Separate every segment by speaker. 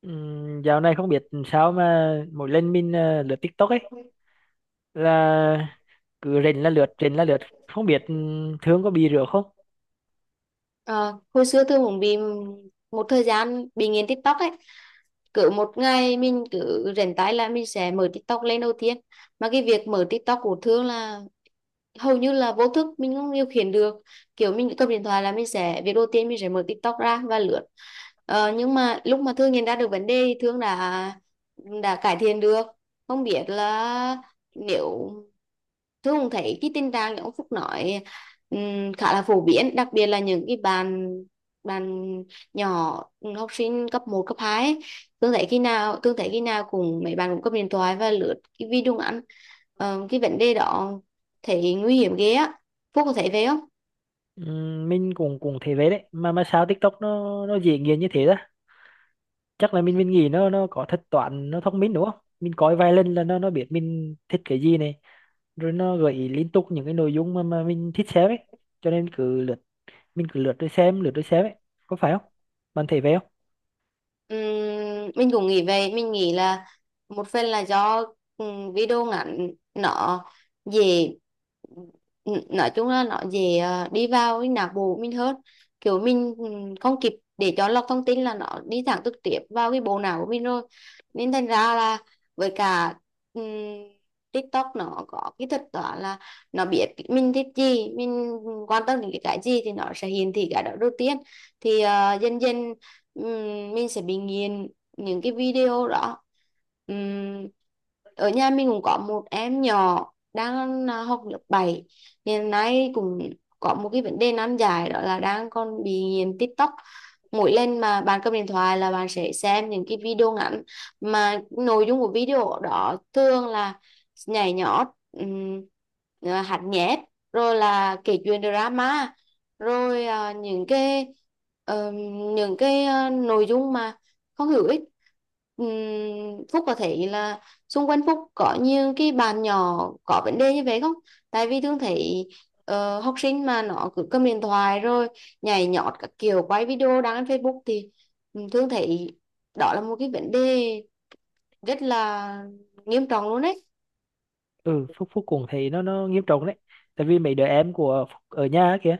Speaker 1: Dạo này không biết sao mà mỗi lần mình lướt TikTok ấy là cứ rình là lướt rình là lướt, không biết Thương có bị rửa không.
Speaker 2: Ờ, Hồi xưa tôi cũng bị một thời gian bị nghiện TikTok ấy. Cứ một ngày mình cứ rảnh tay là mình sẽ mở TikTok lên đầu tiên, mà cái việc mở TikTok của Thương là hầu như là vô thức, mình không điều khiển được. Kiểu mình cầm điện thoại là mình sẽ việc đầu tiên mình sẽ mở TikTok ra và lướt. Nhưng mà lúc mà Thương nhận ra được vấn đề thì Thương đã cải thiện được. Không biết là, nếu Thương cũng thấy cái tình trạng như ông Phúc nói, khá là phổ biến, đặc biệt là những cái bạn bạn nhỏ, học sinh cấp một cấp 2 ấy. Thương thấy khi nào cùng mấy bạn cũng cầm điện thoại và lướt cái video ngắn. Cái vấn đề đó thì nguy hiểm ghê á. Phúc có thấy vậy không?
Speaker 1: Mình cũng cũng thế vậy đấy, mà sao TikTok nó dễ nghiền như thế đó. Chắc là mình nghĩ nó có thuật toán nó thông minh đúng không, mình coi vài lần là nó biết mình thích cái gì này, rồi nó gợi ý liên tục những cái nội dung mà mình thích xem ấy, cho nên cứ lướt, mình cứ lướt rồi xem, lướt rồi xem ấy. Có phải không, bạn thấy vậy không?
Speaker 2: Mình nghĩ là một phần là do video ngắn nó dễ, nói chung là nó dễ đi vào cái não bộ mình hơn. Kiểu mình không kịp để cho lọc thông tin, là nó đi thẳng trực tiếp vào cái bộ não của mình rồi. Nên thành ra là, với cả ừm, TikTok nó có cái thật đó là nó biết mình thích gì, mình quan tâm đến cái gì thì nó sẽ hiển thị cái đó đầu tiên. Thì dần dần mình sẽ bị nghiền những cái video đó. Ừm, Ở nhà mình cũng có một em nhỏ đang học lớp 7, hiện nay cũng có một cái vấn đề nan giải đó là đang còn bị nghiện TikTok. Mỗi lần mà bạn cầm điện thoại là bạn sẽ xem những cái video ngắn, mà nội dung của video đó thường là nhảy nhót, hát nhép, rồi là kể chuyện drama, rồi ờ, nội dung mà không hữu ích. Ừm, Phúc có thấy là xung quanh Phúc có nhiều cái bạn nhỏ có vấn đề như vậy không? Tại vì thường thấy học sinh mà nó cứ cầm điện thoại rồi nhảy nhót các kiểu, quay video đăng lên Facebook thì thường thấy đó là một cái vấn đề rất là nghiêm trọng luôn đấy.
Speaker 1: Ừ, phúc phúc cùng thì nó nghiêm trọng đấy. Tại vì mấy đứa em của Phúc ở nhà á kìa,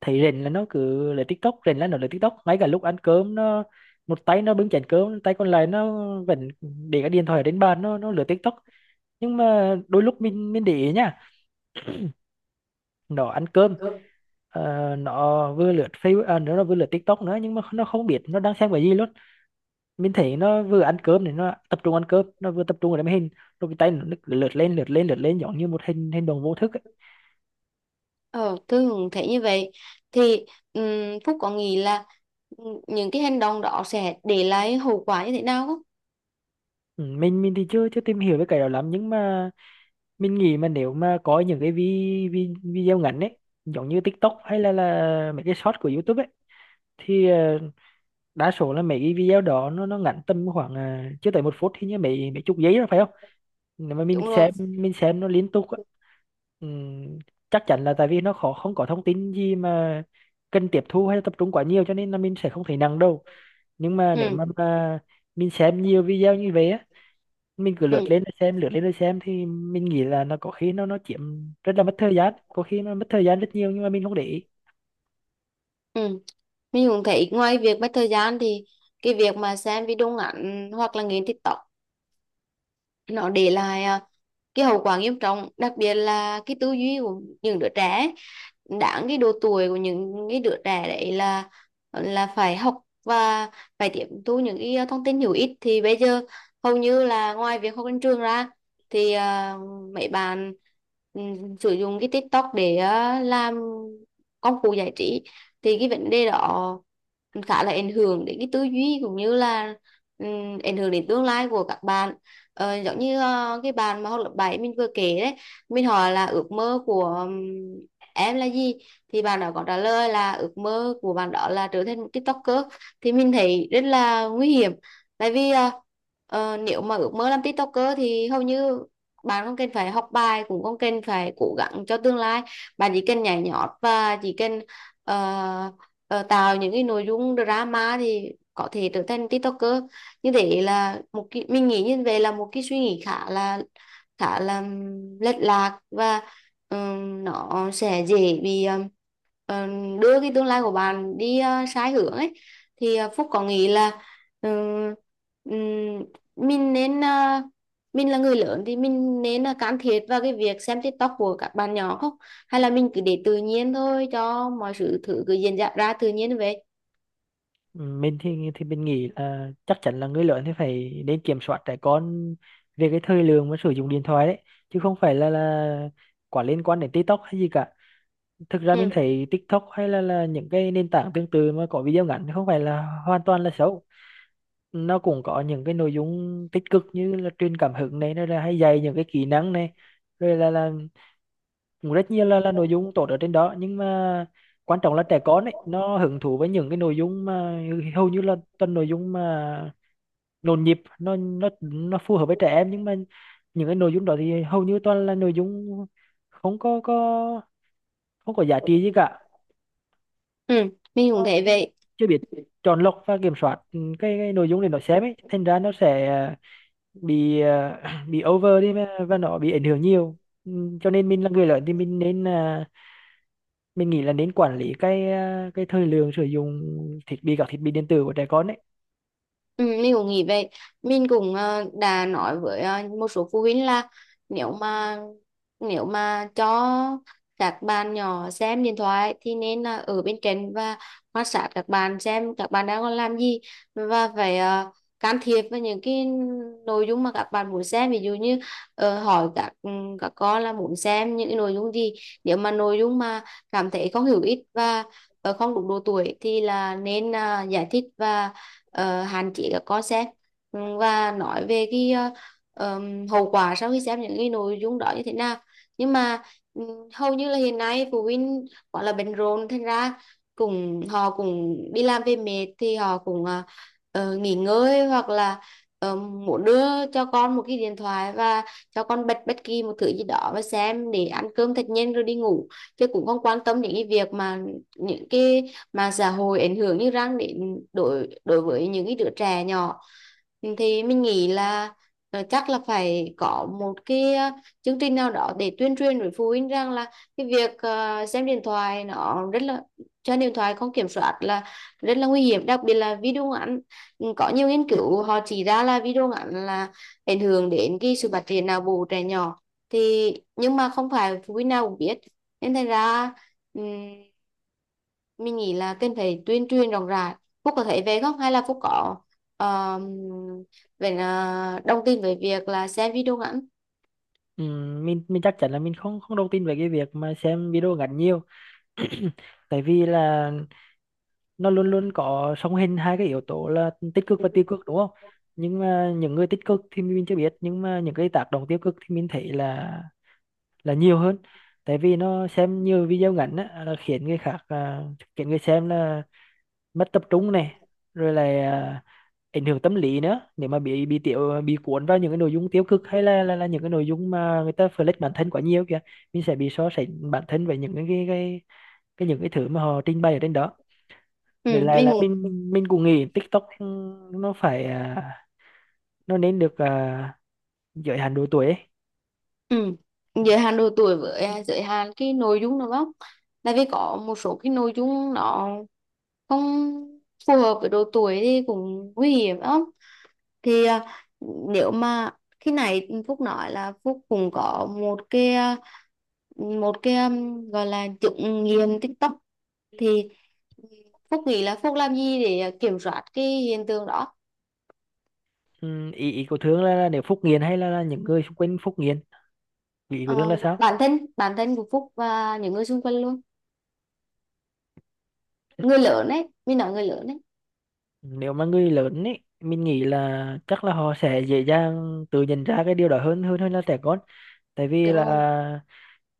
Speaker 1: thấy rình là nó cứ lấy TikTok, rình là nó lấy TikTok, ngay cả lúc ăn cơm nó một tay nó bưng chén cơm, tay còn lại nó vẫn để cái điện thoại ở trên bàn, nó lướt TikTok. Nhưng mà đôi lúc mình để ý nha, nó ăn cơm, nó vừa lướt Facebook, nó vừa lướt TikTok nữa, nhưng mà nó không biết nó đang xem cái gì luôn. Mình thấy nó vừa ăn cơm thì nó tập trung ăn cơm, nó vừa tập trung vào cái máy hình, rồi cái tay nó cứ lướt lên lướt lên lướt lên giống như một hình hình đồng vô thức ấy.
Speaker 2: Ờ, Thường thấy như vậy thì, Phúc có nghĩ là những cái hành động đó sẽ để lại hậu quả như thế nào không?
Speaker 1: Ừ, mình thì chưa chưa tìm hiểu về cái đó lắm, nhưng mà mình nghĩ mà nếu mà có những cái vi, vi, video ngắn ấy, giống như TikTok hay là mấy cái short của YouTube ấy, thì đa số là mấy cái video đó nó ngắn tầm khoảng chưa tới một phút, hình như mấy mấy chục giây rồi phải không. Nếu mà
Speaker 2: Đúng rồi.
Speaker 1: mình xem nó liên tục á, ừm, chắc chắn là tại vì nó khó không có thông tin gì mà cần tiếp thu hay là tập trung quá nhiều, cho nên là mình sẽ không thấy nặng đâu. Nhưng mà nếu mà,
Speaker 2: Ừ,
Speaker 1: mà mình xem nhiều video như vậy á, mình cứ lướt
Speaker 2: ừ,
Speaker 1: lên rồi xem, lướt lên rồi xem, thì mình nghĩ là nó có khi nó chiếm rất là mất thời gian, có khi nó mất thời gian rất nhiều nhưng mà mình không để ý.
Speaker 2: ừ. Mình cũng thấy ngoài việc mất thời gian thì cái việc mà xem video ngắn hoặc là nghiền TikTok nó để lại cái hậu quả nghiêm trọng, đặc biệt là cái tư duy của những đứa trẻ ấy. Đáng cái độ tuổi của những cái đứa trẻ đấy là phải học và phải tiếp thu những cái thông tin hữu ích, thì bây giờ hầu như là ngoài việc học trên trường ra thì mấy bạn sử dụng cái TikTok để làm công cụ giải trí. Thì cái vấn đề đó khá là ảnh hưởng đến cái tư duy cũng như là ảnh hưởng đến tương lai của các bạn. Giống như cái bạn mà học lớp 7 mình vừa kể đấy, mình hỏi là ước mơ của, em là gì, thì bạn đó có trả lời là ước mơ của bạn đó là trở thành một TikToker. Thì mình thấy rất là nguy hiểm, tại vì nếu mà ước mơ làm TikToker thì hầu như bạn không cần phải học bài, cũng không cần phải cố gắng cho tương lai. Bạn chỉ cần nhảy nhót, và chỉ cần ờ, tạo những cái nội dung drama thì có thể trở thành TikToker. Như thế là một cái, mình nghĩ như vậy là một cái suy nghĩ khá là lệch lạc, và nó sẽ dễ bị đưa cái tương lai của bạn đi sai hướng ấy. Thì Phúc có nghĩ là ừm, ừm, mình nên ờ, mình là người lớn thì mình nên là can thiệp vào cái việc xem TikTok của các bạn nhỏ không, hay là mình cứ để tự nhiên thôi, cho mọi sự thử cứ diễn ra ra tự nhiên vậy?
Speaker 1: Ừ, mình thì mình nghĩ là chắc chắn là người lớn thì phải nên kiểm soát trẻ con về cái thời lượng mà sử dụng điện thoại đấy, chứ không phải là quá liên quan đến TikTok hay gì cả. Thực ra
Speaker 2: Ừ.
Speaker 1: mình thấy TikTok hay là những cái nền tảng tương tự mà có video ngắn thì không phải là hoàn toàn là xấu. Nó cũng có những cái nội dung tích cực như là truyền cảm hứng này, nó là hay dạy những cái kỹ năng này, rồi là cũng rất nhiều là nội dung tốt ở trên đó. Nhưng mà quan trọng là trẻ con ấy, nó hứng thú với những cái nội dung mà hầu như là toàn nội dung mà nhộn nhịp, nó phù hợp với trẻ em. Nhưng mà những cái nội dung đó thì hầu như toàn là nội dung không có không có giá trị gì cả.
Speaker 2: Ừ, mình cũng
Speaker 1: Nó
Speaker 2: thấy vậy.
Speaker 1: chưa biết chọn lọc và kiểm soát cái nội dung để nó xem ấy, thành ra nó sẽ bị bị over đi mà- và nó bị ảnh hưởng nhiều. Ừ, cho nên mình là người lớn thì mình nên mình nghĩ là nên quản lý cái cái thời lượng sử dụng thiết bị, các thiết bị điện tử của trẻ con ấy.
Speaker 2: Ừ, mình cũng nghĩ vậy. Mình cũng đã nói với một số phụ huynh là, nếu mà nếu mà cho các bạn nhỏ xem điện thoại thì nên là ở bên cạnh và quan sát các bạn, xem các bạn đang còn làm gì, và phải can thiệp vào những cái nội dung mà các bạn muốn xem. Ví dụ như hỏi các con là muốn xem những cái nội dung gì, nếu mà nội dung mà cảm thấy không hữu ích và không đúng độ tuổi thì là nên giải thích và hạn chế các con xem. Ừ, và nói về cái hậu quả sau khi xem những cái nội dung đó như thế nào. Nhưng mà ừ, hầu như là hiện nay phụ huynh gọi là bận rộn, thành ra cùng họ cũng đi làm về mệt, thì họ cũng nghỉ ngơi, hoặc là muốn đưa cho con một cái điện thoại và cho con bật bất kỳ một thứ gì đó và xem để ăn cơm thật nhanh rồi đi ngủ, chứ cũng không quan tâm đến cái việc mà những cái mạng xã hội ảnh hưởng như răng đến đối đối với những cái đứa trẻ nhỏ. Thì mình nghĩ là chắc là phải có một cái chương trình nào đó để tuyên truyền với phụ huynh rằng là cái việc xem điện thoại nó rất là trên điện thoại không kiểm soát là rất là nguy hiểm, đặc biệt là video ngắn. Ừ, có nhiều nghiên cứu họ chỉ ra là video ngắn là ảnh hưởng đến cái sự phát triển não bộ trẻ nhỏ, thì nhưng mà không phải phụ huynh nào cũng biết. Nên thành ra ừm, mình nghĩ là cần phải tuyên truyền rộng rãi. Phúc có thấy về không, hay là Phúc có, um, vậy là đồng tin với việc là xem video ngắn?
Speaker 1: Mình chắc chắn là mình không không đồng tin về cái việc mà xem video ngắn nhiều. Tại vì là nó luôn luôn có song hành hai cái yếu tố là tích cực và tiêu cực đúng không. Nhưng mà những người tích cực thì mình chưa biết, nhưng mà những cái tác động tiêu cực thì mình thấy là nhiều hơn. Tại vì nó xem nhiều video ngắn á, là khiến người khác khiến người xem là mất tập trung này, rồi là ảnh hưởng tâm lý nữa, nếu mà bị tiểu bị cuốn vào những cái nội dung tiêu cực, hay là những cái nội dung mà người ta flex bản thân quá nhiều kìa, mình sẽ bị so sánh bản thân với những cái những cái thứ mà họ trình bày ở trên đó.
Speaker 2: Ừ,
Speaker 1: Vậy là
Speaker 2: mình
Speaker 1: là
Speaker 2: cũng.
Speaker 1: mình cũng nghĩ TikTok nó phải nó nên được giới hạn độ tuổi ấy.
Speaker 2: Ừ, giới hạn độ tuổi với giới hạn cái nội dung đúng không? Tại vì có một số cái nội dung nó không phù hợp với độ tuổi thì cũng nguy hiểm lắm. Thì nếu mà khi này Phúc nói là Phúc cũng có một cái, gọi là chứng nghiện TikTok, thì Phúc nghĩ là Phúc làm gì để kiểm soát cái hiện tượng đó?
Speaker 1: Ừ, ý ý của Thương là nếu Phúc nghiện hay là những người xung quanh Phúc nghiện, ý của Thương là
Speaker 2: Ờ,
Speaker 1: sao?
Speaker 2: bản thân của Phúc và những người xung quanh luôn, người lớn ấy, mình nói người lớn ấy,
Speaker 1: Nếu mà người lớn ấy, mình nghĩ là chắc là họ sẽ dễ dàng tự nhận ra cái điều đó hơn hơn hơn là trẻ con. Tại vì
Speaker 2: đúng không?
Speaker 1: là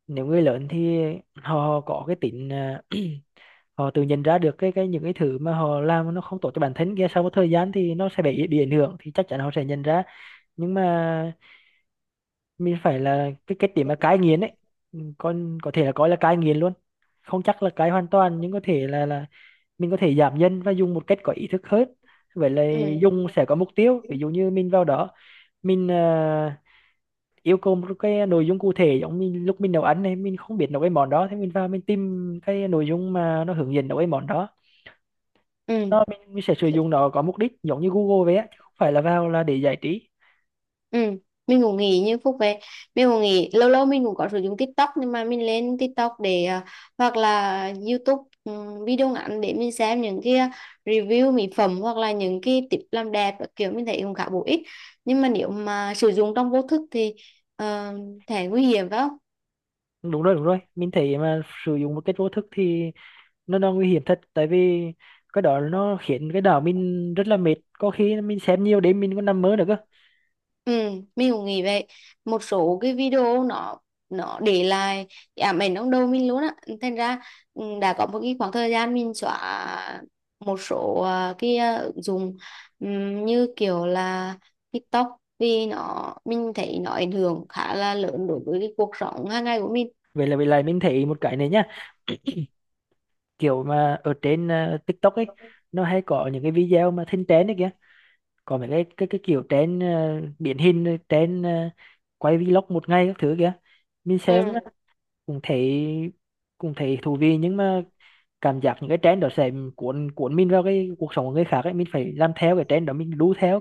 Speaker 1: nếu người lớn thì họ có cái tính họ tự nhận ra được cái những cái thứ mà họ làm nó không tốt cho bản thân kia, sau một thời gian thì nó sẽ bị ảnh hưởng, thì chắc chắn họ sẽ nhận ra. Nhưng mà mình phải là cái điểm mà cai nghiện ấy. Ừ, con có thể là coi là cai nghiện luôn, không chắc là cai hoàn toàn nhưng có thể là mình có thể giảm dần và dùng một cách có ý thức hơn. Vậy là
Speaker 2: Ừ,
Speaker 1: dùng sẽ có mục tiêu, ví dụ như mình vào đó mình yêu cầu một cái nội dung cụ thể, giống mình lúc mình nấu ăn này, mình không biết nấu cái món đó, thế mình vào mình tìm cái nội dung mà nó hướng dẫn nấu cái món đó.
Speaker 2: ừ.
Speaker 1: Nó mình sẽ sử
Speaker 2: Ừ.
Speaker 1: dụng nó có mục đích giống như Google vậy á, chứ không phải là vào là để giải trí.
Speaker 2: Ừ, mình cũng nghĩ như Phúc về mình cũng nghĩ lâu lâu mình cũng có sử dụng TikTok, nhưng mà mình lên TikTok để hoặc là YouTube, video ngắn, để mình xem những cái review mỹ phẩm hoặc là những cái tip làm đẹp các kiểu, mình thấy cũng khá bổ ích. Nhưng mà nếu mà sử dụng trong vô thức thì uh, thể nguy hiểm phải không?
Speaker 1: Đúng rồi, đúng rồi, mình thấy mà sử dụng một cái vô thức thì nó nguy hiểm thật. Tại vì cái đó nó khiến cái đầu mình rất là mệt, có khi mình xem nhiều đêm mình còn nằm mơ được cơ.
Speaker 2: Ừ, mình cũng nghĩ vậy. Một số cái video nó để lại cái ám ảnh trong đầu mình luôn á. Thành ra ừ, đã có một cái khoảng thời gian mình xóa một số cái ứng dụng như kiểu là TikTok, vì nó, mình thấy nó ảnh hưởng khá là lớn đối với cái cuộc sống hàng ngày của mình.
Speaker 1: Vậy là, vậy là mình thấy một cái này nhá, kiểu mà ở trên TikTok ấy, nó hay có những cái video mà thinh tén đấy kìa, còn mấy cái kiểu trên điển hình trên quay vlog một ngày các thứ kia, mình xem
Speaker 2: Ừ.
Speaker 1: á, cũng thấy, cũng thấy thú vị. Nhưng mà cảm giác những cái trend đó sẽ cuốn cuốn mình vào cái cuộc sống của người khác ấy, mình phải làm theo cái trend đó, mình đu theo.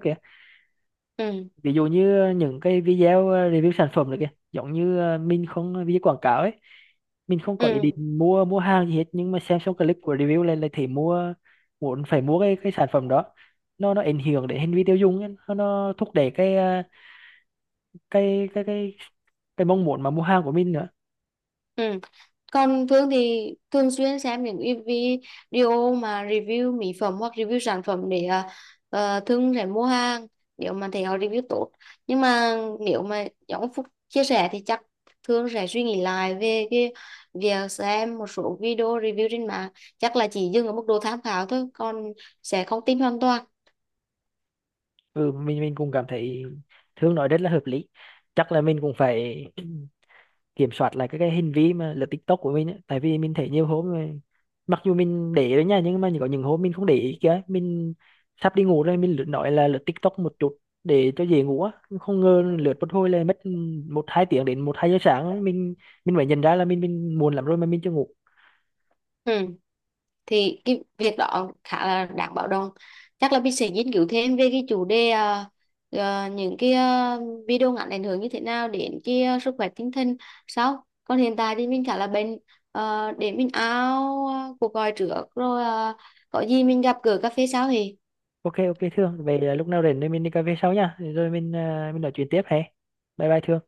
Speaker 2: Ừ,
Speaker 1: Ví dụ như những cái video review sản phẩm này kìa, giống như mình không ờ, video quảng cáo ấy, mình không có ý
Speaker 2: ừ.
Speaker 1: định mua mua hàng gì hết, nhưng mà xem xong clip của review lên lại thấy mua, muốn phải mua cái sản phẩm đó. Nó ảnh hưởng đến hành vi tiêu dùng ấy. Nó thúc đẩy cái cái cái mong muốn mà mua hàng của mình nữa.
Speaker 2: Ừ. Còn Thương thì thường xuyên xem những cái video mà review mỹ phẩm hoặc review sản phẩm để Thương sẽ mua hàng nếu mà thấy họ review tốt. Nhưng mà nếu mà giống ông Phúc chia sẻ thì chắc Thương sẽ suy nghĩ lại về cái việc xem một số video review trên mạng. Chắc là chỉ dừng ở mức độ tham khảo thôi, còn sẽ không tin hoàn toàn.
Speaker 1: Ừ, mình cũng cảm thấy Thương nói rất là hợp lý. Chắc là mình cũng phải kiểm soát lại các cái hành vi mà lướt TikTok của mình ấy. Tại vì mình thấy nhiều hôm mặc dù mình để đấy nha, nhưng mà có những hôm mình không để ý kìa, mình sắp đi ngủ rồi, mình lướt, nói là lướt TikTok một chút để cho dễ ngủ á, không ngờ lướt một hồi là mất một hai tiếng đến một hai giờ sáng, mình phải nhận ra là mình muộn lắm rồi mà mình chưa ngủ.
Speaker 2: Ừ. Thì cái việc đó khá là đáng báo động. Chắc là mình sẽ nghiên cứu thêm về cái chủ đề những cái video ngắn ảnh hưởng như thế nào đến cái sức khỏe tinh thần sau. Còn hiện tại thì mình khá là bệnh, để mình áo cuộc gọi trước rồi, có gì mình gặp gỡ cà phê sau thì
Speaker 1: OK, OK, Thương về, là lúc nào rảnh thì mình đi cà phê sau nha, rồi mình mình nói chuyện tiếp hè. Bye bye Thương.